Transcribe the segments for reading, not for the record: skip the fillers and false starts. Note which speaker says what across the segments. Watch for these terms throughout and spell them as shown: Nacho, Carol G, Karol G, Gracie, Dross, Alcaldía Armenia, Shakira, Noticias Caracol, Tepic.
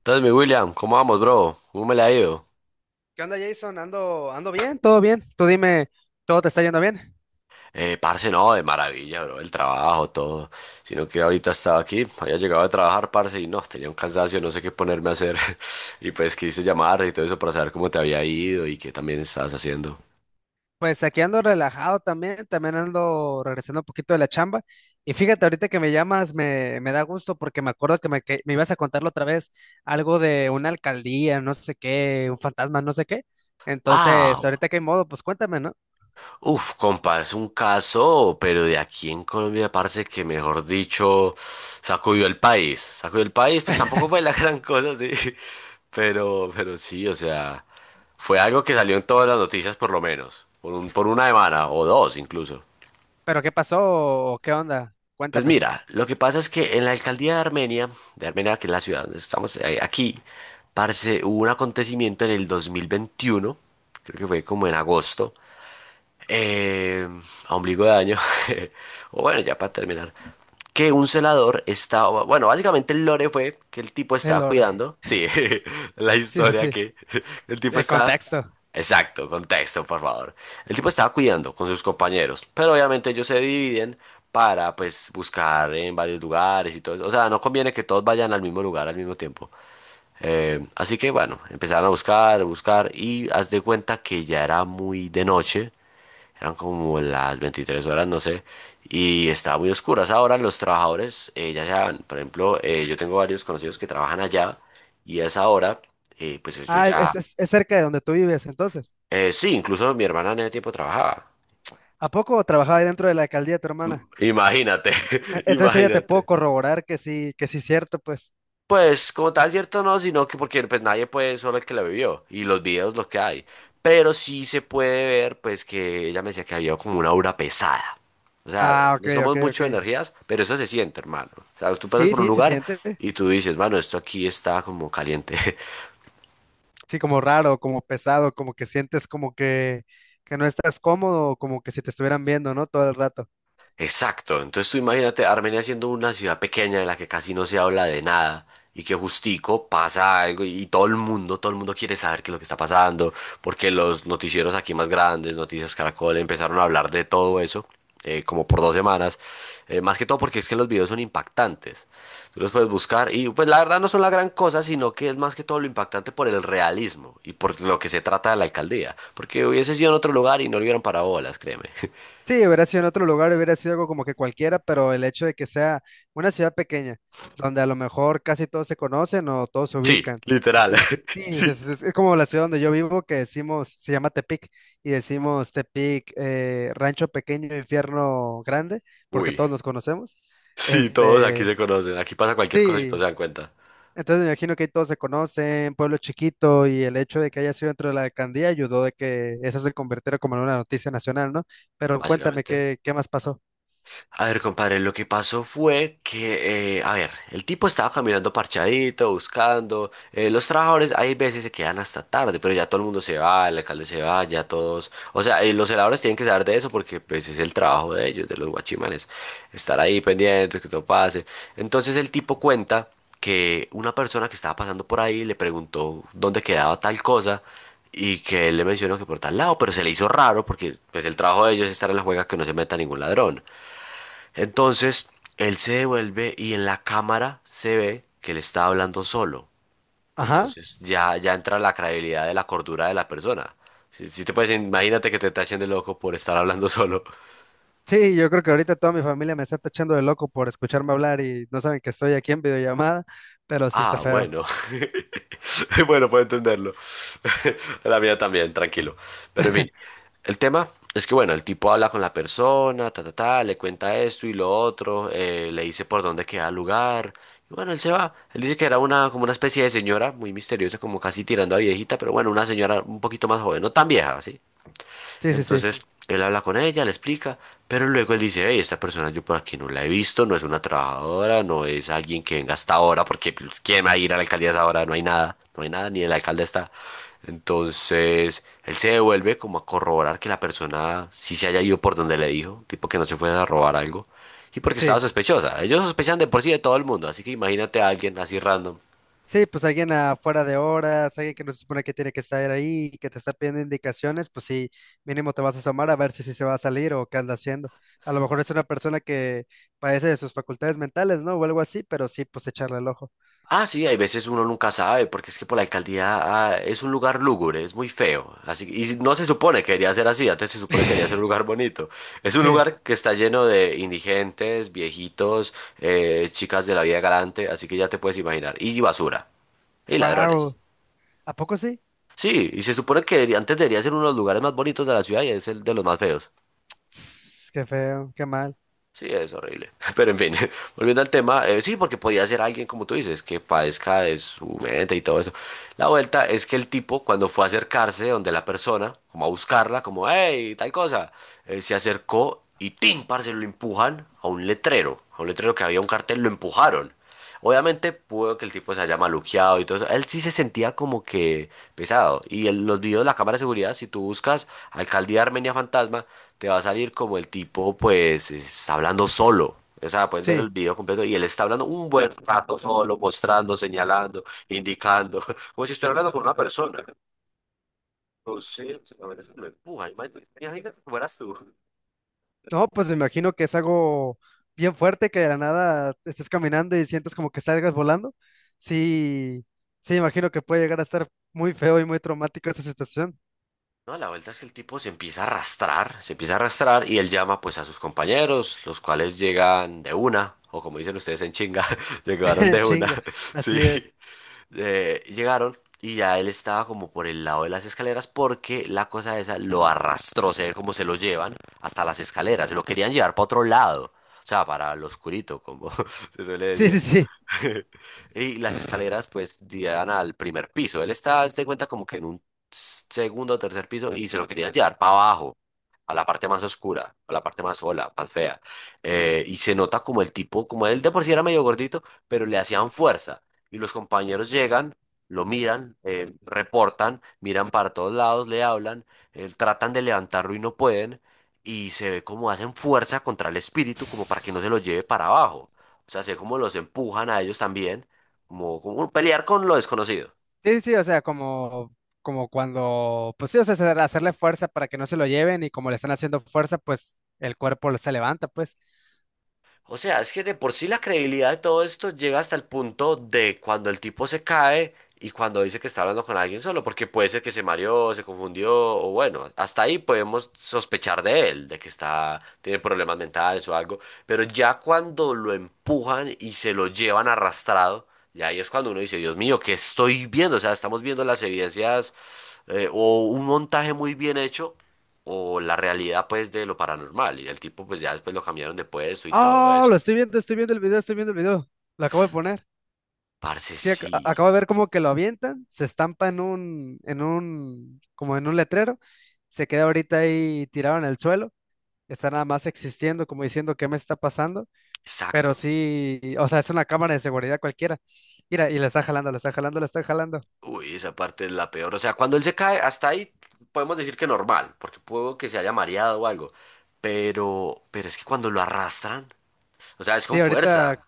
Speaker 1: Entonces, mi William, ¿cómo vamos, bro? ¿Cómo me la ha ido?
Speaker 2: ¿Qué onda, Jason? Ando bien, todo bien. Tú dime, ¿todo te está yendo bien?
Speaker 1: Parce, no, de maravilla, bro, el trabajo, todo. Sino que ahorita estaba aquí, había llegado a trabajar, parce, y no, tenía un cansancio, no sé qué ponerme a hacer. Y pues quise llamar y todo eso para saber cómo te había ido y qué también estabas haciendo.
Speaker 2: Pues aquí ando relajado también, también ando regresando un poquito de la chamba. Y fíjate, ahorita que me llamas, me da gusto porque me acuerdo que me ibas a contarlo otra vez, algo de una alcaldía, no sé qué, un fantasma, no sé qué. Entonces,
Speaker 1: Ah,
Speaker 2: ahorita que hay modo, pues cuéntame, ¿no?
Speaker 1: uf, compa, es un caso, pero de aquí en Colombia parece que, mejor dicho, sacudió el país. Sacudió el país, pues tampoco fue la gran cosa, sí. Pero sí, o sea, fue algo que salió en todas las noticias por lo menos, por un, por una semana o dos incluso.
Speaker 2: ¿Pero qué pasó o qué onda?
Speaker 1: Pues
Speaker 2: Cuéntame.
Speaker 1: mira, lo que pasa es que en la alcaldía de Armenia, que es la ciudad donde estamos aquí, parce, hubo un acontecimiento en el 2021, creo que fue como en agosto, Eh, a ombligo de año. O bueno, ya para terminar. Que un celador estaba. Bueno, básicamente el lore fue que el tipo estaba
Speaker 2: El orden.
Speaker 1: cuidando. Sí, la
Speaker 2: Sí, sí,
Speaker 1: historia
Speaker 2: sí.
Speaker 1: que el tipo
Speaker 2: El
Speaker 1: estaba.
Speaker 2: contexto.
Speaker 1: Exacto, contexto, por favor. El tipo estaba cuidando con sus compañeros, pero obviamente ellos se dividen para pues buscar en varios lugares y todo eso. O sea, no conviene que todos vayan al mismo lugar al mismo tiempo. Así que bueno, empezaron a buscar y haz de cuenta que ya era muy de noche, eran como las 23 horas, no sé, y estaba muy oscuras. Ahora los trabajadores, ya saben, por ejemplo, yo tengo varios conocidos que trabajan allá y a esa hora, pues ellos
Speaker 2: Ah,
Speaker 1: ya...
Speaker 2: es cerca de donde tú vives, entonces.
Speaker 1: sí, incluso mi hermana en ese tiempo trabajaba.
Speaker 2: ¿A poco trabajaba ahí dentro de la alcaldía tu hermana?
Speaker 1: Imagínate,
Speaker 2: Entonces ella te puedo
Speaker 1: imagínate.
Speaker 2: corroborar que sí es cierto, pues.
Speaker 1: Pues como tal, cierto no, sino que porque pues nadie puede, solo el que la vivió y los videos lo que hay. Pero sí se puede ver pues que ella me decía que había como una aura pesada. O sea,
Speaker 2: Ah, ok,
Speaker 1: no somos
Speaker 2: ok, ok.
Speaker 1: mucho de energías, pero eso se siente, hermano. O sea, tú pasas
Speaker 2: Sí,
Speaker 1: por un
Speaker 2: sí, se
Speaker 1: lugar
Speaker 2: siente.
Speaker 1: y tú dices, mano, esto aquí está como caliente.
Speaker 2: Sí, como raro, como pesado, como que sientes que no estás cómodo, como que si te estuvieran viendo, ¿no? Todo el rato.
Speaker 1: Exacto, entonces tú imagínate Armenia siendo una ciudad pequeña en la que casi no se habla de nada y que justico pasa algo y todo el mundo quiere saber qué es lo que está pasando, porque los noticieros aquí más grandes, Noticias Caracol, empezaron a hablar de todo eso como por dos semanas, más que todo porque es que los videos son impactantes, tú los puedes buscar y pues la verdad no son la gran cosa, sino que es más que todo lo impactante por el realismo y por lo que se trata de la alcaldía, porque hubiese sido en otro lugar y no le hubieran parado bolas, créeme.
Speaker 2: Sí, hubiera sido en otro lugar, hubiera sido algo como que cualquiera, pero el hecho de que sea una ciudad pequeña, donde a lo mejor casi todos se conocen o todos se
Speaker 1: Sí,
Speaker 2: ubican.
Speaker 1: literal.
Speaker 2: Y sí, es,
Speaker 1: Sí.
Speaker 2: es- es como la ciudad donde yo vivo que decimos, se llama Tepic, y decimos Tepic, rancho pequeño, infierno grande, porque
Speaker 1: Uy.
Speaker 2: todos nos conocemos.
Speaker 1: Sí, todos aquí
Speaker 2: Este,
Speaker 1: se conocen. Aquí pasa cualquier cosito,
Speaker 2: sí,
Speaker 1: se dan cuenta.
Speaker 2: entonces me imagino que ahí todos se conocen, pueblo chiquito, y el hecho de que haya sido dentro de la alcaldía ayudó de que eso se convirtiera como en una noticia nacional, ¿no? Pero cuéntame,
Speaker 1: Básicamente.
Speaker 2: ¿qué más pasó?
Speaker 1: A ver, compadre, lo que pasó fue que, a ver, el tipo estaba caminando parchadito, buscando. Los trabajadores, hay veces se quedan hasta tarde, pero ya todo el mundo se va, el alcalde se va, ya todos. O sea, los celadores tienen que saber de eso porque, pues, es el trabajo de ellos, de los guachimanes, estar ahí pendientes, que todo pase. Entonces, el tipo cuenta que una persona que estaba pasando por ahí le preguntó dónde quedaba tal cosa. Y que él le mencionó que por tal lado, pero se le hizo raro porque pues el trabajo de ellos es estar en la juega que no se meta ningún ladrón. Entonces, él se devuelve y en la cámara se ve que él está hablando solo.
Speaker 2: Ajá.
Speaker 1: Entonces, ya entra la credibilidad de la cordura de la persona. Si, si te puedes, imagínate que te tachen de loco por estar hablando solo.
Speaker 2: Sí, yo creo que ahorita toda mi familia me está tachando de loco por escucharme hablar y no saben que estoy aquí en videollamada, pero sí está
Speaker 1: Ah,
Speaker 2: feo.
Speaker 1: bueno. Bueno, puedo entenderlo. La mía también, tranquilo. Pero en fin, el tema es que, bueno, el tipo habla con la persona, ta, ta, ta, le cuenta esto y lo otro, le dice por dónde queda el lugar. Y bueno, él se va. Él dice que era una, como una especie de señora, muy misteriosa, como casi tirando a viejita, pero bueno, una señora un poquito más joven, no tan vieja, ¿sí?
Speaker 2: Sí, sí, sí.
Speaker 1: Entonces él habla con ella, le explica, pero luego él dice, hey, esta persona yo por aquí no la he visto, no es una trabajadora, no es alguien que venga hasta ahora, porque pues, ¿quién va a ir a la alcaldía a esa hora? No hay nada, no hay nada, ni el alcalde está. Entonces él se devuelve como a corroborar que la persona sí se haya ido por donde le dijo, tipo que no se fue a robar algo, y porque estaba
Speaker 2: Sí.
Speaker 1: sospechosa. Ellos sospechan de por sí de todo el mundo, así que imagínate a alguien así random.
Speaker 2: Sí, pues alguien afuera de horas, alguien que no se supone que tiene que estar ahí y que te está pidiendo indicaciones, pues sí, mínimo te vas a asomar a ver si sí se va a salir o qué anda haciendo. A lo mejor es una persona que padece de sus facultades mentales, ¿no? O algo así, pero sí, pues echarle el ojo.
Speaker 1: Ah, sí, hay veces uno nunca sabe, porque es que por la alcaldía ah, es un lugar lúgubre, es muy feo. Así, y no se supone que debería ser así, antes se supone que debería ser un lugar bonito. Es un
Speaker 2: Sí.
Speaker 1: lugar que está lleno de indigentes, viejitos, chicas de la vida galante, así que ya te puedes imaginar. Y basura, y ladrones.
Speaker 2: Wow. ¿A poco sí?
Speaker 1: Sí, y se supone que debería- antes debería ser uno de los lugares más bonitos de la ciudad y es el de los más feos.
Speaker 2: Tss, qué feo, qué mal.
Speaker 1: Sí, es horrible. Pero en fin, volviendo al tema, sí, porque podía ser alguien, como tú dices, que padezca de su mente y todo eso. La vuelta es que el tipo, cuando fue a acercarse donde la persona, como a buscarla, como, hey, tal cosa, se acercó y ¡tim! Parce, lo empujan a un letrero que había un cartel, lo empujaron. Obviamente pudo que el tipo se haya maluqueado y todo eso. Él sí se sentía como que pesado. Y en los videos de la cámara de seguridad, si tú buscas Alcaldía Armenia Fantasma, te va a salir como el tipo, pues, está hablando solo. O sea, puedes ver
Speaker 2: Sí.
Speaker 1: el video completo y él está hablando un buen rato solo, mostrando, señalando, indicando, como si estuviera hablando con una persona. Entonces, a ver, eso me empuja. Imagínate imagínate cómo eras tú.
Speaker 2: No, pues me imagino que es algo bien fuerte que de la nada estés caminando y sientas como que salgas volando. Sí, sí, imagino que puede llegar a estar muy feo y muy traumático esa situación.
Speaker 1: No, a la vuelta es que el tipo se empieza a arrastrar, se empieza a arrastrar y él llama pues a sus compañeros, los cuales llegan de una, o como dicen ustedes en chinga, llegaron
Speaker 2: En
Speaker 1: de una,
Speaker 2: chinga, así
Speaker 1: sí.
Speaker 2: es.
Speaker 1: Llegaron y ya él estaba como por el lado de las escaleras porque la cosa esa lo arrastró, se ve como se lo llevan hasta las escaleras, se lo querían llevar para otro lado, o sea, para lo oscurito, como se suele
Speaker 2: Sí,
Speaker 1: decir.
Speaker 2: sí, sí.
Speaker 1: Y las escaleras pues llegan al primer piso. Él está, haz de cuenta, como que en un segundo o tercer piso y se lo quería llevar para abajo, a la parte más oscura, a la parte más sola, más fea. Y se nota como el tipo, como él de por sí era medio gordito, pero le hacían fuerza. Y los compañeros llegan, lo miran, reportan, miran para todos lados, le hablan, tratan de levantarlo y no pueden. Y se ve como hacen fuerza contra el espíritu, como para que no se
Speaker 2: Sí,
Speaker 1: lo lleve para abajo. O sea, sé cómo los empujan a ellos también, como pelear con lo desconocido.
Speaker 2: sí, sí, o sea, como, como cuando, pues sí, o sea, hacerle fuerza para que no se lo lleven y como le están haciendo fuerza, pues el se levanta, pues.
Speaker 1: O sea, es que de por sí la credibilidad de todo esto llega hasta el punto de cuando el tipo se cae y cuando dice que está hablando con alguien solo, porque puede ser que se mareó, se confundió, o bueno, hasta ahí podemos sospechar de él, de que está, tiene problemas mentales o algo, pero ya cuando lo empujan y se lo llevan arrastrado, y ahí es cuando uno dice, Dios mío, ¿qué estoy viendo? O sea, estamos viendo las evidencias o un montaje muy bien hecho o la realidad pues de lo paranormal. Y el tipo pues ya después lo cambiaron de puesto y todo
Speaker 2: Ah, lo
Speaker 1: eso.
Speaker 2: estoy viendo el video, estoy viendo el video. Lo acabo de poner.
Speaker 1: Parce,
Speaker 2: Sí,
Speaker 1: sí,
Speaker 2: acabo de ver como que lo avientan, se estampa como en un letrero, se queda ahorita ahí tirado en el suelo, está nada más existiendo, como diciendo qué me está pasando, pero
Speaker 1: exacto.
Speaker 2: sí, o sea, es una cámara de seguridad cualquiera. Mira, y le está jalando, le está jalando, le está jalando.
Speaker 1: Uy, esa parte es la peor. O sea, cuando él se cae, hasta ahí podemos decir que normal, porque puedo que se haya mareado o algo. Pero es que cuando lo arrastran, o sea, es
Speaker 2: Sí,
Speaker 1: con
Speaker 2: ahorita,
Speaker 1: fuerza.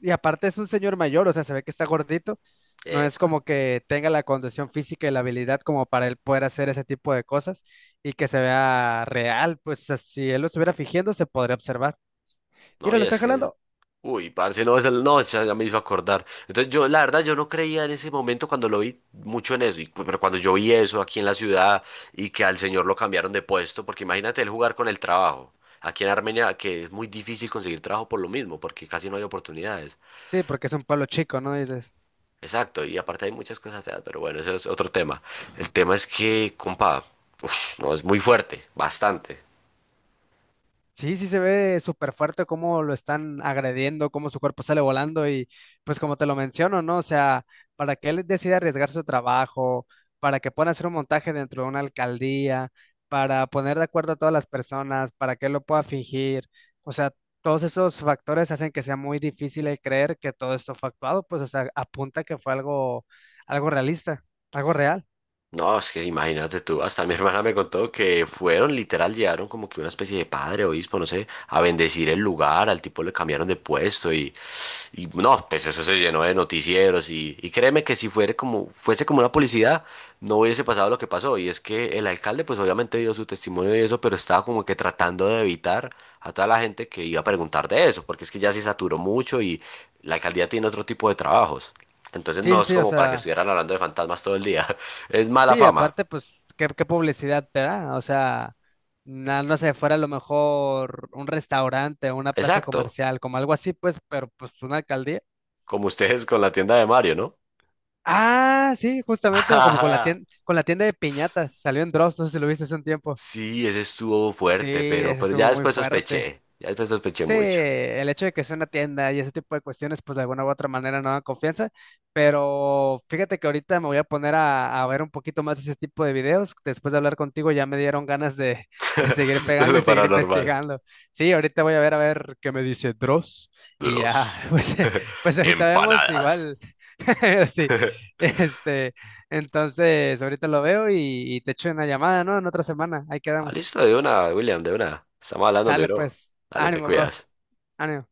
Speaker 2: y aparte es un señor mayor, o sea, se ve que está gordito, no es
Speaker 1: Epa.
Speaker 2: como que tenga la condición física y la habilidad como para él poder hacer ese tipo de cosas y que se vea real, pues, o sea, si él lo estuviera fingiendo, se podría observar.
Speaker 1: No,
Speaker 2: Mira, lo
Speaker 1: y es
Speaker 2: está
Speaker 1: que
Speaker 2: jalando.
Speaker 1: uy, parce, no, esa- no, esa ya me hizo acordar. Entonces, yo, la verdad, yo no creía en ese momento cuando lo vi mucho en eso, y, cu- pero cuando yo vi eso aquí en la ciudad y que al señor lo cambiaron de puesto, porque imagínate él jugar con el trabajo. Aquí en Armenia, que es muy difícil conseguir trabajo por lo mismo, porque casi no hay oportunidades.
Speaker 2: Sí, porque es un pueblo chico, ¿no? Dices,
Speaker 1: Exacto, y aparte hay muchas cosas feas, pero bueno, ese es otro tema. El tema es que, compa, uf, no, es muy fuerte, bastante.
Speaker 2: sí, sí se ve súper fuerte cómo lo están agrediendo, cómo su cuerpo sale volando y pues como te lo menciono, ¿no? O sea, para que él decida arriesgar su trabajo, para que pueda hacer un montaje dentro de una alcaldía, para poner de acuerdo a todas las personas, para que él lo pueda fingir, o sea, todos esos factores hacen que sea muy difícil el creer que todo esto fue actuado, pues, o sea, apunta que fue algo, algo realista, algo real.
Speaker 1: No, es que imagínate tú, hasta mi hermana me contó que fueron, literal, llegaron como que una especie de padre, obispo, no sé, a bendecir el lugar, al tipo le cambiaron de puesto y no, pues eso se llenó de noticieros y créeme que si fuera como, fuese como una publicidad, no hubiese pasado lo que pasó. Y es que el alcalde pues obviamente dio su testimonio y eso, pero estaba como que tratando de evitar a toda la gente que iba a preguntar de eso, porque es que ya se saturó mucho y la alcaldía tiene otro tipo de trabajos. Entonces
Speaker 2: Sí,
Speaker 1: no
Speaker 2: sí,
Speaker 1: es
Speaker 2: sí, o
Speaker 1: como para que
Speaker 2: sea.
Speaker 1: estuvieran hablando de fantasmas todo el día. Es mala
Speaker 2: Sí,
Speaker 1: fama.
Speaker 2: aparte, pues, ¿qué publicidad te da? O sea, no sé, fuera a lo mejor un restaurante, una plaza
Speaker 1: Exacto.
Speaker 2: comercial, como algo así, pues, pero pues una alcaldía.
Speaker 1: Como ustedes con la tienda de Mario, ¿no?
Speaker 2: Ah, sí, justamente, o como
Speaker 1: Ajá.
Speaker 2: con la tienda de piñatas, salió en Dross, no sé si lo viste hace un tiempo.
Speaker 1: Sí, ese estuvo
Speaker 2: Sí,
Speaker 1: fuerte, pero,
Speaker 2: ese
Speaker 1: pero ya
Speaker 2: estuvo muy
Speaker 1: después
Speaker 2: fuerte.
Speaker 1: sospeché. Ya después sospeché
Speaker 2: Sí,
Speaker 1: mucho.
Speaker 2: el hecho de que sea una tienda y ese tipo de cuestiones, pues de alguna u otra manera no dan confianza, pero fíjate que ahorita me voy a poner a ver un poquito más ese tipo de videos. Después de hablar contigo ya me dieron ganas de seguir
Speaker 1: De
Speaker 2: pegando y
Speaker 1: lo
Speaker 2: seguir
Speaker 1: paranormal.
Speaker 2: investigando. Sí, ahorita voy a ver qué me dice Dross y ya,
Speaker 1: Bros.
Speaker 2: pues, pues ahorita vemos
Speaker 1: Empanadas.
Speaker 2: igual. Sí, este, entonces ahorita lo veo y te echo una llamada, ¿no? En otra semana, ahí quedamos.
Speaker 1: Listo, de una, William, de una. Estamos hablando, mi
Speaker 2: Sale
Speaker 1: bro.
Speaker 2: pues,
Speaker 1: Dale, te
Speaker 2: ánimo, bro,
Speaker 1: cuidas.
Speaker 2: ánimo.